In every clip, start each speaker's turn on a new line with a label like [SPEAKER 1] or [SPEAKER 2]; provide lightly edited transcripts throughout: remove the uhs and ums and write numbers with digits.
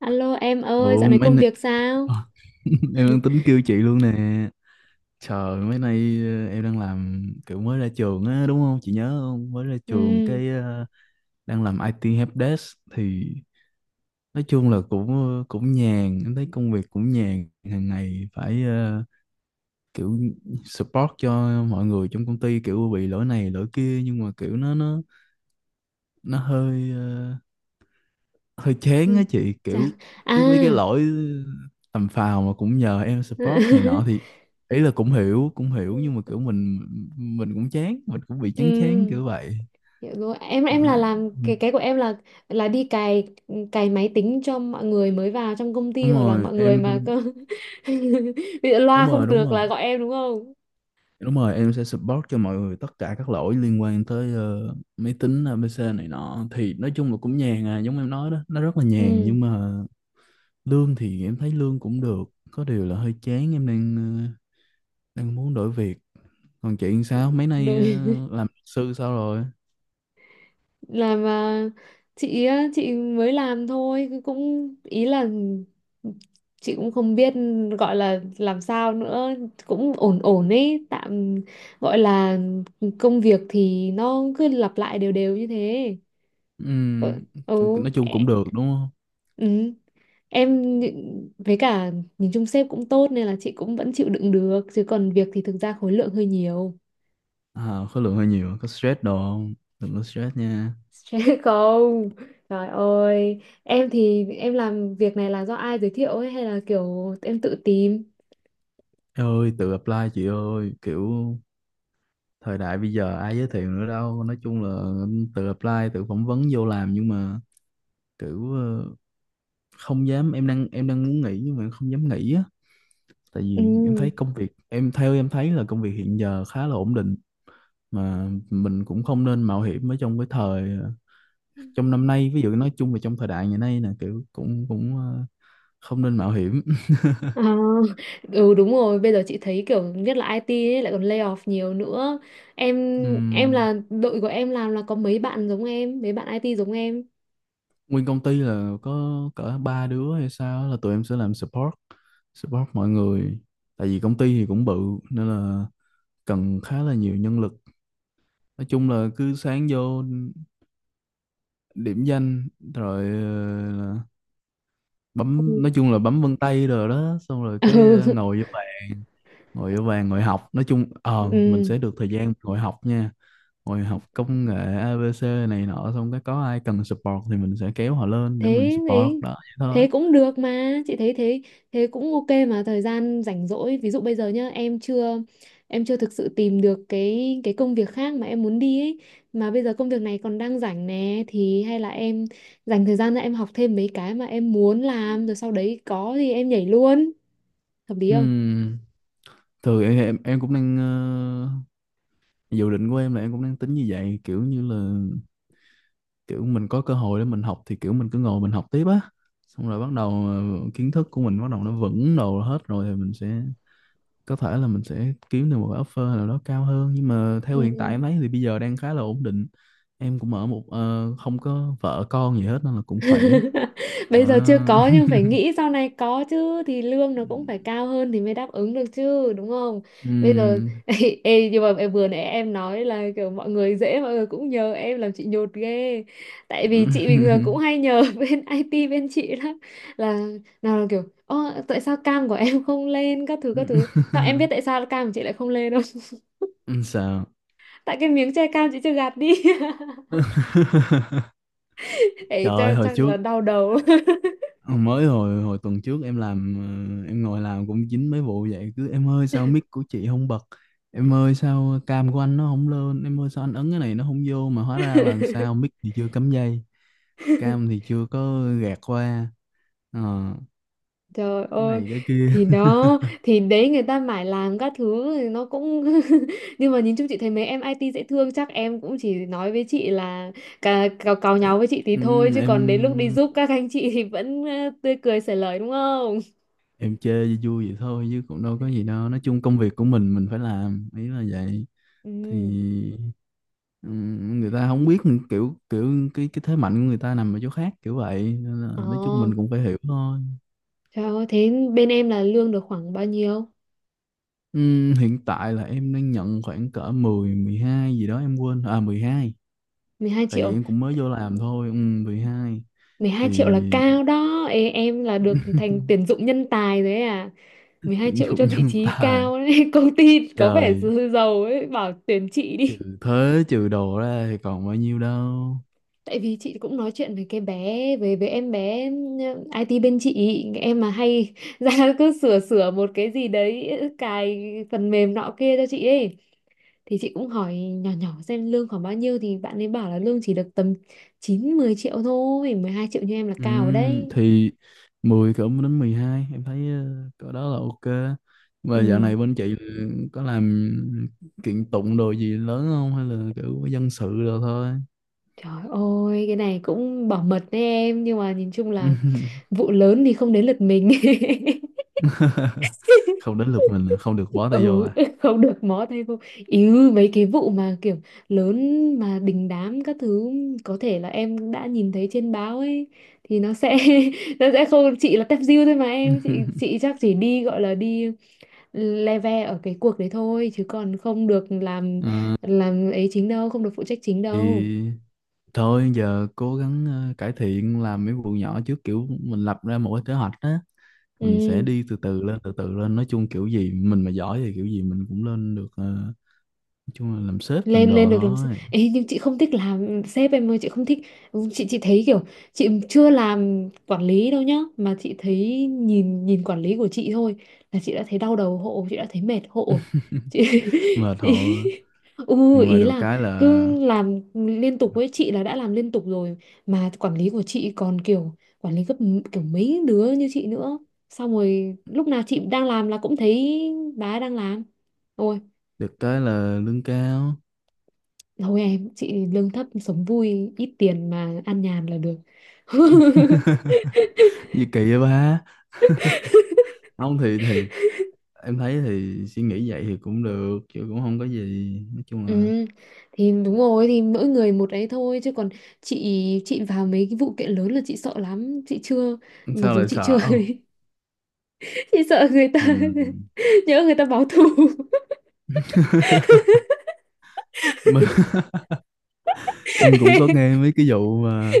[SPEAKER 1] Alo em ơi,
[SPEAKER 2] Ủa,
[SPEAKER 1] dạo này
[SPEAKER 2] mấy
[SPEAKER 1] công
[SPEAKER 2] nay...
[SPEAKER 1] việc sao?
[SPEAKER 2] em đang tính kêu chị luôn nè. Trời, mấy nay em đang làm kiểu mới ra trường á, đúng không? Chị nhớ không? Mới ra trường
[SPEAKER 1] Ừ.
[SPEAKER 2] cái đang làm IT helpdesk thì nói chung là cũng cũng nhàn, em thấy công việc cũng nhàn, hàng ngày phải kiểu support cho mọi người trong công ty, kiểu bị lỗi này lỗi kia, nhưng mà kiểu nó hơi hơi chán á
[SPEAKER 1] Ừ.
[SPEAKER 2] chị,
[SPEAKER 1] Chà.
[SPEAKER 2] kiểu
[SPEAKER 1] À.
[SPEAKER 2] cứ mấy cái lỗi tầm phào mà cũng nhờ em support này nọ, thì ý là cũng hiểu cũng hiểu, nhưng mà kiểu mình cũng chán, mình cũng bị chán chán
[SPEAKER 1] Ừ,
[SPEAKER 2] kiểu vậy
[SPEAKER 1] hiểu rồi. Em
[SPEAKER 2] đó.
[SPEAKER 1] em là làm cái của em là đi cài cài máy tính cho mọi người mới vào trong công ty
[SPEAKER 2] Đúng
[SPEAKER 1] hoặc là
[SPEAKER 2] rồi
[SPEAKER 1] mọi người
[SPEAKER 2] em.
[SPEAKER 1] mà cơ bị
[SPEAKER 2] Đúng
[SPEAKER 1] loa
[SPEAKER 2] rồi,
[SPEAKER 1] không
[SPEAKER 2] đúng
[SPEAKER 1] được
[SPEAKER 2] rồi,
[SPEAKER 1] là gọi em đúng không?
[SPEAKER 2] đúng rồi em sẽ support cho mọi người tất cả các lỗi liên quan tới máy tính ABC này nọ, thì nói chung là cũng nhàn à, giống em nói đó, nó rất là nhàn,
[SPEAKER 1] Ừ,
[SPEAKER 2] nhưng mà lương thì em thấy lương cũng được, có điều là hơi chán. Em đang ờ, đang muốn đổi việc. Còn chuyện sao mấy nay
[SPEAKER 1] đúng.
[SPEAKER 2] làm luật sư sao rồi?
[SPEAKER 1] Làm à, chị á, chị mới làm thôi cũng ý là chị cũng không biết gọi là làm sao nữa, cũng ổn ổn ấy, tạm gọi là công việc thì nó cứ lặp lại đều đều như thế. Ừ,
[SPEAKER 2] Ừm,
[SPEAKER 1] ừ.
[SPEAKER 2] nói chung
[SPEAKER 1] ẹ-
[SPEAKER 2] cũng được đúng không?
[SPEAKER 1] ừ. Với cả nhìn chung sếp cũng tốt nên là chị cũng vẫn chịu đựng được, chứ còn việc thì thực ra khối lượng hơi nhiều.
[SPEAKER 2] À, khối lượng hơi nhiều, có stress đồ không? Đừng có stress nha.
[SPEAKER 1] Stress không? Trời ơi, em thì em làm việc này là do ai giới thiệu ấy hay là kiểu em tự tìm?
[SPEAKER 2] Ê ơi, tự apply chị ơi, kiểu thời đại bây giờ ai giới thiệu nữa đâu, nói chung là ừ, tự apply tự phỏng vấn vô làm, nhưng mà kiểu không dám. Em đang muốn nghỉ nhưng mà em không dám nghỉ á, tại
[SPEAKER 1] Ừ.
[SPEAKER 2] vì em thấy công việc em theo, em thấy là công việc hiện giờ khá là ổn định, mà mình cũng không nên mạo hiểm ở trong cái thời, trong năm nay, ví dụ nói chung là trong thời đại ngày nay nè, kiểu cũng cũng không nên mạo hiểm.
[SPEAKER 1] À, ừ đúng rồi, bây giờ chị thấy kiểu nhất là IT ấy, lại còn lay off nhiều nữa. Em em
[SPEAKER 2] Ừm,
[SPEAKER 1] là đội của em làm là có mấy bạn giống em, mấy bạn IT giống em.
[SPEAKER 2] nguyên công ty là có cỡ ba đứa hay sao á, là tụi em sẽ làm support, support mọi người, tại vì công ty thì cũng bự, nên là cần khá là nhiều nhân lực. Nói chung là cứ sáng vô điểm danh, rồi là bấm,
[SPEAKER 1] Ừ.
[SPEAKER 2] nói chung là bấm vân tay rồi đó, xong rồi cái ngồi vô bàn, ngồi học, nói chung mình
[SPEAKER 1] Ừ.
[SPEAKER 2] sẽ được thời gian ngồi học nha. Rồi học công nghệ ABC này nọ, xong cái có ai cần support thì mình sẽ kéo họ lên để mình
[SPEAKER 1] Thế
[SPEAKER 2] support,
[SPEAKER 1] ấy,
[SPEAKER 2] đó vậy thôi.
[SPEAKER 1] thế cũng được, mà chị thấy thế thế cũng ok. Mà thời gian rảnh rỗi, ví dụ bây giờ nhá, em chưa thực sự tìm được cái công việc khác mà em muốn đi ấy, mà bây giờ công việc này còn đang rảnh nè, thì hay là em dành thời gian ra em học thêm mấy cái mà em muốn làm, rồi sau đấy có thì em nhảy luôn, hợp lý không?
[SPEAKER 2] Ừm, Thường em, em cũng đang dự định của em là em cũng đang tính như vậy, kiểu như là kiểu mình có cơ hội để mình học thì kiểu mình cứ ngồi mình học tiếp á. Xong rồi bắt đầu kiến thức của mình bắt đầu nó vững đồ hết rồi thì mình sẽ có thể là mình sẽ kiếm được một cái offer nào đó cao hơn, nhưng mà theo
[SPEAKER 1] Ừ.
[SPEAKER 2] hiện tại em thấy thì bây giờ đang khá là ổn định. Em cũng ở một không có vợ con gì hết nên là cũng khỏe.
[SPEAKER 1] Bây
[SPEAKER 2] Đó.
[SPEAKER 1] giờ chưa có nhưng phải nghĩ sau này có chứ, thì lương nó cũng phải cao hơn thì mới đáp ứng được chứ, đúng không? Bây giờ
[SPEAKER 2] Ừm.
[SPEAKER 1] ê, ê, nhưng mà em vừa nãy em nói là kiểu mọi người dễ, mọi người cũng nhờ em làm, chị nhột ghê. Tại vì chị bình thường cũng hay nhờ bên IT bên chị lắm, là nào là kiểu ơ, tại sao cam của em không lên, các thứ các thứ. Sao em biết tại sao cam của chị lại không lên đâu?
[SPEAKER 2] Sao?
[SPEAKER 1] Tại cái miếng che cam chị chưa gạt đi. Ấy
[SPEAKER 2] Trời ơi,
[SPEAKER 1] chắc
[SPEAKER 2] hồi
[SPEAKER 1] chắc
[SPEAKER 2] trước
[SPEAKER 1] là đau đầu.
[SPEAKER 2] ờ, mới hồi hồi tuần trước em làm, em ngồi làm cũng dính mấy vụ vậy, cứ em ơi sao mic của chị không bật, em ơi sao cam của anh nó không lên, em ơi sao anh ấn cái này nó không vô, mà hóa ra là sao, mic thì chưa cắm dây, cam thì chưa có gạt qua. Ờ,
[SPEAKER 1] Trời
[SPEAKER 2] cái
[SPEAKER 1] ơi,
[SPEAKER 2] này cái kia.
[SPEAKER 1] thì đó, thì đấy, người ta mải làm các thứ thì nó cũng nhưng mà nhìn chung chị thấy mấy em IT dễ thương, chắc em cũng chỉ nói với chị là cà, cào cào nháo với chị thì thôi,
[SPEAKER 2] Ừm,
[SPEAKER 1] chứ còn đến lúc đi
[SPEAKER 2] em
[SPEAKER 1] giúp các anh chị thì vẫn tươi cười xởi lời, đúng không?
[SPEAKER 2] em chơi vui vui vậy thôi chứ cũng đâu có gì đâu, nói chung công việc của mình phải làm, ý là vậy. Thì
[SPEAKER 1] Ừ.
[SPEAKER 2] người ta không biết kiểu, kiểu cái thế mạnh của người ta nằm ở chỗ khác, kiểu vậy. Nên là
[SPEAKER 1] Ờ.
[SPEAKER 2] nói chung mình cũng phải hiểu thôi.
[SPEAKER 1] Trời ơi, thế bên em là lương được khoảng bao nhiêu?
[SPEAKER 2] Hiện tại là em đang nhận khoảng cỡ 10, 12 gì đó, em quên, à 12,
[SPEAKER 1] mười hai
[SPEAKER 2] tại vì
[SPEAKER 1] triệu
[SPEAKER 2] em cũng mới vô làm thôi. 12
[SPEAKER 1] mười
[SPEAKER 2] thì
[SPEAKER 1] hai triệu là cao đó. Ê, em là được thành tuyển dụng nhân tài đấy à? mười hai
[SPEAKER 2] tuyển
[SPEAKER 1] triệu cho
[SPEAKER 2] dụng
[SPEAKER 1] vị
[SPEAKER 2] nhân
[SPEAKER 1] trí
[SPEAKER 2] tài.
[SPEAKER 1] cao đấy, công ty có vẻ
[SPEAKER 2] Trời,
[SPEAKER 1] giàu ấy, bảo tuyển chị đi.
[SPEAKER 2] trừ thuế trừ đồ ra thì còn bao nhiêu đâu.
[SPEAKER 1] Tại vì chị cũng nói chuyện với cái bé, với em bé, ừ, IT bên chị em mà hay ra cứ sửa sửa một cái gì đấy, cài phần mềm nọ kia cho chị ấy, thì chị cũng hỏi nhỏ nhỏ xem lương khoảng bao nhiêu, thì bạn ấy bảo là lương chỉ được tầm 9 10 triệu thôi. 12 triệu như em là cao rồi đấy.
[SPEAKER 2] Thì 10 cỡ đến 12 em thấy cỡ đó là ok. Và dạo
[SPEAKER 1] Ừ.
[SPEAKER 2] này bên chị là có làm kiện tụng đồ gì lớn không, hay là kiểu dân sự rồi thôi?
[SPEAKER 1] Trời ơi, cái này cũng bảo mật đấy em. Nhưng mà nhìn chung là vụ lớn thì không đến lượt mình.
[SPEAKER 2] Không đến lượt mình à, không được bó tay vô
[SPEAKER 1] Ừ,
[SPEAKER 2] à?
[SPEAKER 1] không được mó tay vô. Ý, mấy cái vụ mà kiểu lớn mà đình đám các thứ, có thể là em đã nhìn thấy trên báo ấy, thì nó sẽ nó sẽ không, chị là tép diêu thôi mà em. Chị chắc chỉ đi gọi là đi le ve ở cái cuộc đấy thôi, chứ còn không được làm
[SPEAKER 2] Ờ,
[SPEAKER 1] làm ấy chính đâu, không được phụ trách chính đâu.
[SPEAKER 2] thì thôi giờ cố gắng cải thiện làm mấy vụ nhỏ trước, kiểu mình lập ra một cái kế hoạch á, mình sẽ
[SPEAKER 1] Ừ,
[SPEAKER 2] đi từ từ lên từ từ lên, nói chung kiểu gì mình mà giỏi thì kiểu gì mình cũng lên được. Ờ, nói chung là làm sếp làm
[SPEAKER 1] lên lên
[SPEAKER 2] đồ
[SPEAKER 1] được làm sếp
[SPEAKER 2] thôi,
[SPEAKER 1] ấy, nhưng chị không thích làm sếp em ơi, chị không thích. Chị thấy kiểu chị chưa làm quản lý đâu nhá, mà chị thấy nhìn nhìn quản lý của chị thôi là chị đã thấy đau đầu hộ, chị đã thấy mệt hộ chị.
[SPEAKER 2] mệt
[SPEAKER 1] Ý,
[SPEAKER 2] thôi,
[SPEAKER 1] ừ,
[SPEAKER 2] nhưng mà
[SPEAKER 1] ý
[SPEAKER 2] được
[SPEAKER 1] là
[SPEAKER 2] cái là
[SPEAKER 1] cứ làm liên tục, với chị là đã làm liên tục rồi, mà quản lý của chị còn kiểu quản lý kiểu mấy đứa như chị nữa, xong rồi lúc nào chị đang làm là cũng thấy bà ấy đang làm. Ôi,
[SPEAKER 2] được cái là lương cao.
[SPEAKER 1] thôi em, chị lương thấp sống vui, ít tiền mà ăn nhàn là được.
[SPEAKER 2] Gì kỳ vậy ba ông, thì em thấy thì suy nghĩ vậy thì cũng được chứ cũng không có gì, nói chung là
[SPEAKER 1] Ừ, thì đúng rồi, thì mỗi người một ấy thôi, chứ còn chị chị vào mấy cái vụ kiện lớn là chị sợ lắm, chị chưa, mặc
[SPEAKER 2] sao
[SPEAKER 1] dù
[SPEAKER 2] lại
[SPEAKER 1] chị chưa
[SPEAKER 2] sợ không?
[SPEAKER 1] chị sợ người ta
[SPEAKER 2] Mình
[SPEAKER 1] nhớ người ta báo thù.
[SPEAKER 2] mình em cũng có nghe mấy cái vụ mà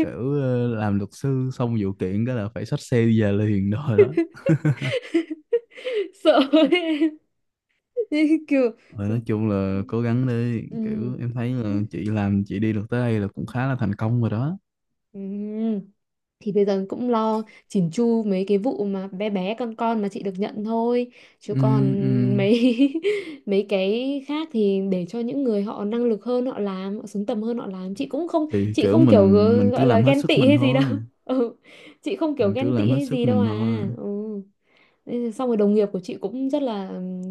[SPEAKER 2] kiểu làm luật sư xong vụ kiện cái là phải xách xe đi về liền rồi đó.
[SPEAKER 1] Sợ ấy. Kiểu
[SPEAKER 2] Rồi
[SPEAKER 1] ừ.
[SPEAKER 2] nói chung là cố gắng đi,
[SPEAKER 1] Ừ.
[SPEAKER 2] kiểu em thấy là
[SPEAKER 1] Ừ.
[SPEAKER 2] chị làm chị đi được tới đây là cũng khá là thành công rồi đó.
[SPEAKER 1] Ừ. Thì bây giờ cũng lo chỉn chu mấy cái vụ mà bé bé con mà chị được nhận thôi, chứ
[SPEAKER 2] Ừ,
[SPEAKER 1] còn
[SPEAKER 2] ừ.
[SPEAKER 1] mấy mấy cái khác thì để cho những người họ năng lực hơn họ làm, họ xứng tầm hơn họ làm, chị cũng không,
[SPEAKER 2] Thì
[SPEAKER 1] chị
[SPEAKER 2] kiểu
[SPEAKER 1] không kiểu
[SPEAKER 2] mình mình cứ
[SPEAKER 1] gọi là
[SPEAKER 2] làm hết
[SPEAKER 1] ghen
[SPEAKER 2] sức
[SPEAKER 1] tị
[SPEAKER 2] mình
[SPEAKER 1] hay gì đâu.
[SPEAKER 2] thôi,
[SPEAKER 1] Ừ. Chị không kiểu
[SPEAKER 2] mình cứ
[SPEAKER 1] ghen
[SPEAKER 2] làm
[SPEAKER 1] tị
[SPEAKER 2] hết
[SPEAKER 1] hay
[SPEAKER 2] sức
[SPEAKER 1] gì đâu
[SPEAKER 2] mình thôi
[SPEAKER 1] à. Ừ. Thế xong rồi đồng nghiệp của chị cũng rất là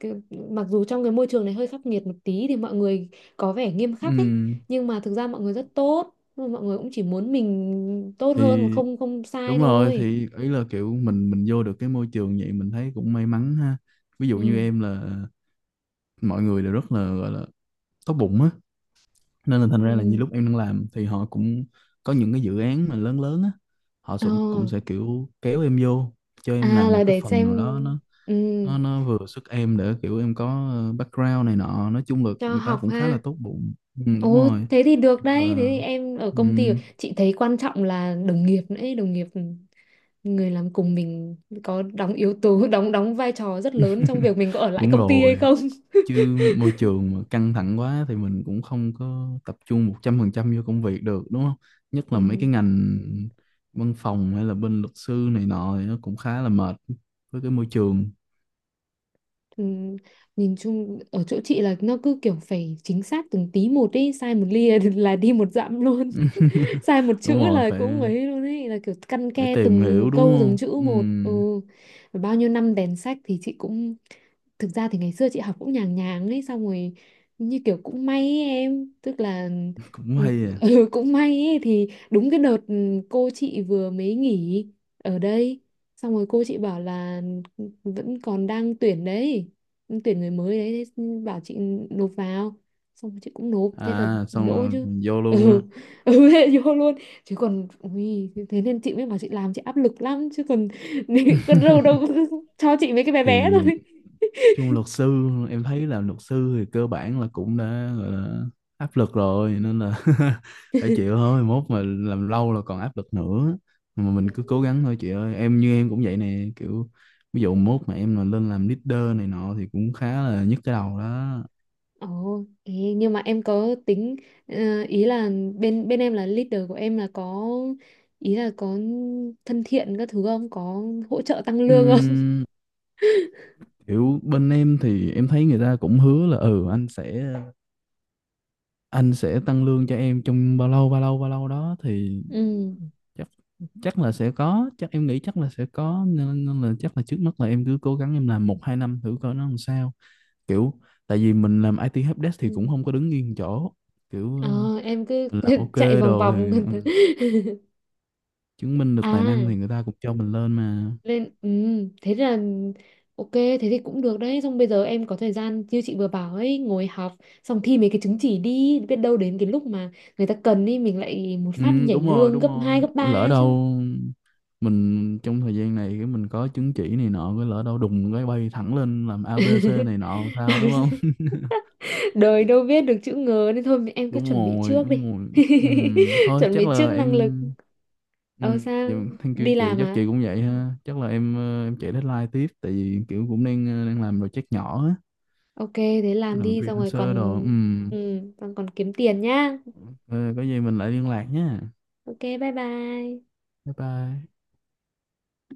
[SPEAKER 1] cái, mặc dù trong cái môi trường này hơi khắc nghiệt một tí thì mọi người có vẻ nghiêm khắc ấy,
[SPEAKER 2] ừ.
[SPEAKER 1] nhưng mà thực ra mọi người rất tốt. Nhưng mà mọi người cũng chỉ muốn mình tốt hơn và
[SPEAKER 2] Thì
[SPEAKER 1] không không sai
[SPEAKER 2] đúng rồi,
[SPEAKER 1] thôi.
[SPEAKER 2] thì ý là kiểu mình vô được cái môi trường vậy mình thấy cũng may mắn ha. Ví dụ như
[SPEAKER 1] Ừ.
[SPEAKER 2] em là mọi người đều rất là gọi là tốt bụng á, nên là thành ra là như
[SPEAKER 1] Ừ.
[SPEAKER 2] lúc em đang làm thì họ cũng có những cái dự án mà lớn lớn á, họ
[SPEAKER 1] Ờ.
[SPEAKER 2] cũng cũng sẽ kiểu kéo em vô cho em
[SPEAKER 1] À,
[SPEAKER 2] làm một
[SPEAKER 1] là
[SPEAKER 2] cái
[SPEAKER 1] để
[SPEAKER 2] phần nào
[SPEAKER 1] xem.
[SPEAKER 2] đó, nó
[SPEAKER 1] Ừ,
[SPEAKER 2] nó nó vừa sức em, để kiểu em có background này nọ, nói chung là
[SPEAKER 1] cho
[SPEAKER 2] người ta
[SPEAKER 1] học
[SPEAKER 2] cũng khá
[SPEAKER 1] ha.
[SPEAKER 2] là tốt bụng. Ừ, đúng
[SPEAKER 1] Ồ,
[SPEAKER 2] rồi.
[SPEAKER 1] thế thì được đấy, thế
[SPEAKER 2] Ờ,
[SPEAKER 1] thì em ở công ty,
[SPEAKER 2] ừm,
[SPEAKER 1] chị thấy quan trọng là đồng nghiệp nữa ấy. Đồng nghiệp, người làm cùng mình có đóng yếu tố đóng đóng vai trò rất lớn trong việc mình có ở lại
[SPEAKER 2] đúng
[SPEAKER 1] công ty hay
[SPEAKER 2] rồi,
[SPEAKER 1] không.
[SPEAKER 2] chứ môi trường mà căng thẳng quá thì mình cũng không có tập trung 100% vô công việc được, đúng không? Nhất là mấy cái
[SPEAKER 1] Ừ,
[SPEAKER 2] ngành văn phòng, hay là bên luật sư này nọ thì nó cũng khá là mệt với cái môi trường.
[SPEAKER 1] ừ, nhìn chung ở chỗ chị là nó cứ kiểu phải chính xác từng tí một ý, sai một ly là đi một dặm luôn, sai một chữ
[SPEAKER 2] Đúng rồi,
[SPEAKER 1] là
[SPEAKER 2] phải
[SPEAKER 1] cũng ấy luôn ấy, là kiểu căn
[SPEAKER 2] phải
[SPEAKER 1] ke
[SPEAKER 2] tìm
[SPEAKER 1] từng
[SPEAKER 2] hiểu đúng
[SPEAKER 1] câu từng
[SPEAKER 2] không.
[SPEAKER 1] chữ một. Ừ. Và bao nhiêu năm đèn sách thì chị cũng thực ra thì ngày xưa chị học cũng nhàng nhàng ấy, xong rồi như kiểu cũng may ấy, em tức là
[SPEAKER 2] Cũng
[SPEAKER 1] ừ,
[SPEAKER 2] hay à.
[SPEAKER 1] cũng may ấy, thì đúng cái đợt ừ, cô chị vừa mới nghỉ ở đây, xong rồi cô chị bảo là vẫn còn đang tuyển đấy, tuyển người mới đấy, thế bảo chị nộp vào, xong chị cũng nộp thế là
[SPEAKER 2] À, xong
[SPEAKER 1] đỗ
[SPEAKER 2] rồi
[SPEAKER 1] chứ.
[SPEAKER 2] mình vô luôn
[SPEAKER 1] Ừ.
[SPEAKER 2] á.
[SPEAKER 1] Ừ hệ vô luôn chứ còn ui, thế nên chị mới bảo chị làm chị áp lực lắm, chứ còn còn đâu đâu cho chị mấy cái bé bé
[SPEAKER 2] Thì
[SPEAKER 1] thôi.
[SPEAKER 2] chung luật sư em thấy là luật sư thì cơ bản là cũng đã gọi là áp lực rồi, nên là phải chịu thôi, mốt mà làm lâu là còn áp lực nữa, mà
[SPEAKER 1] Ừ.
[SPEAKER 2] mình cứ cố gắng thôi chị ơi, em như em cũng vậy nè, kiểu ví dụ mốt mà em mà lên làm leader này nọ thì cũng khá là nhức cái đầu đó.
[SPEAKER 1] Ồ, thế nhưng mà em có tính ý là bên bên em là leader của em là có ý là có thân thiện các thứ không? Có hỗ trợ tăng lương không?
[SPEAKER 2] Ừm, kiểu bên em thì em thấy người ta cũng hứa là ừ, anh sẽ tăng lương cho em trong bao lâu bao lâu bao lâu đó, thì
[SPEAKER 1] Ừ.
[SPEAKER 2] chắc chắc là sẽ có, chắc em nghĩ chắc là sẽ có, nên, nên là chắc là trước mắt là em cứ cố gắng em làm 1-2 năm thử coi nó làm sao, kiểu tại vì mình làm IT helpdesk thì cũng
[SPEAKER 1] Ừ.
[SPEAKER 2] không có đứng yên chỗ, kiểu
[SPEAKER 1] Ờ, em cứ
[SPEAKER 2] mình làm ok
[SPEAKER 1] chạy vòng
[SPEAKER 2] rồi
[SPEAKER 1] vòng.
[SPEAKER 2] thì ừ, chứng minh được tài năng thì
[SPEAKER 1] À.
[SPEAKER 2] người ta cũng cho mình lên mà.
[SPEAKER 1] Nên, ừ, thế là ok, thế thì cũng được đấy. Xong bây giờ em có thời gian như chị vừa bảo ấy, ngồi học xong thi mấy cái chứng chỉ đi, biết đâu đến cái lúc mà người ta cần ấy, mình lại một phát
[SPEAKER 2] Ừ,
[SPEAKER 1] nhảy
[SPEAKER 2] đúng rồi,
[SPEAKER 1] lương
[SPEAKER 2] đúng
[SPEAKER 1] gấp hai
[SPEAKER 2] rồi,
[SPEAKER 1] gấp ba
[SPEAKER 2] lỡ
[SPEAKER 1] ấy chứ.
[SPEAKER 2] đâu mình trong thời gian này cái mình có chứng chỉ này nọ, cái lỡ đâu đùng cái bay thẳng lên làm ABC này nọ làm sao, đúng.
[SPEAKER 1] Đời đâu biết được chữ ngờ, nên thôi em cứ
[SPEAKER 2] Đúng
[SPEAKER 1] chuẩn bị
[SPEAKER 2] rồi,
[SPEAKER 1] trước
[SPEAKER 2] đúng
[SPEAKER 1] đi.
[SPEAKER 2] rồi. Thôi
[SPEAKER 1] Chuẩn
[SPEAKER 2] chắc
[SPEAKER 1] bị trước
[SPEAKER 2] là
[SPEAKER 1] năng lực.
[SPEAKER 2] em
[SPEAKER 1] Ờ
[SPEAKER 2] dạ,
[SPEAKER 1] sao,
[SPEAKER 2] thank you
[SPEAKER 1] đi
[SPEAKER 2] chị,
[SPEAKER 1] làm
[SPEAKER 2] chắc
[SPEAKER 1] à?
[SPEAKER 2] chị cũng vậy ha. Chắc là em em chạy deadline tiếp, tại vì kiểu cũng đang đang làm project nhỏ á,
[SPEAKER 1] Ok thế làm
[SPEAKER 2] làm
[SPEAKER 1] đi, xong rồi còn
[SPEAKER 2] freelancer đồ.
[SPEAKER 1] ừ
[SPEAKER 2] Ừm.
[SPEAKER 1] còn còn kiếm tiền nhá.
[SPEAKER 2] Ờ, có gì mình lại liên lạc nhé.
[SPEAKER 1] Ok bye bye.
[SPEAKER 2] Bye bye.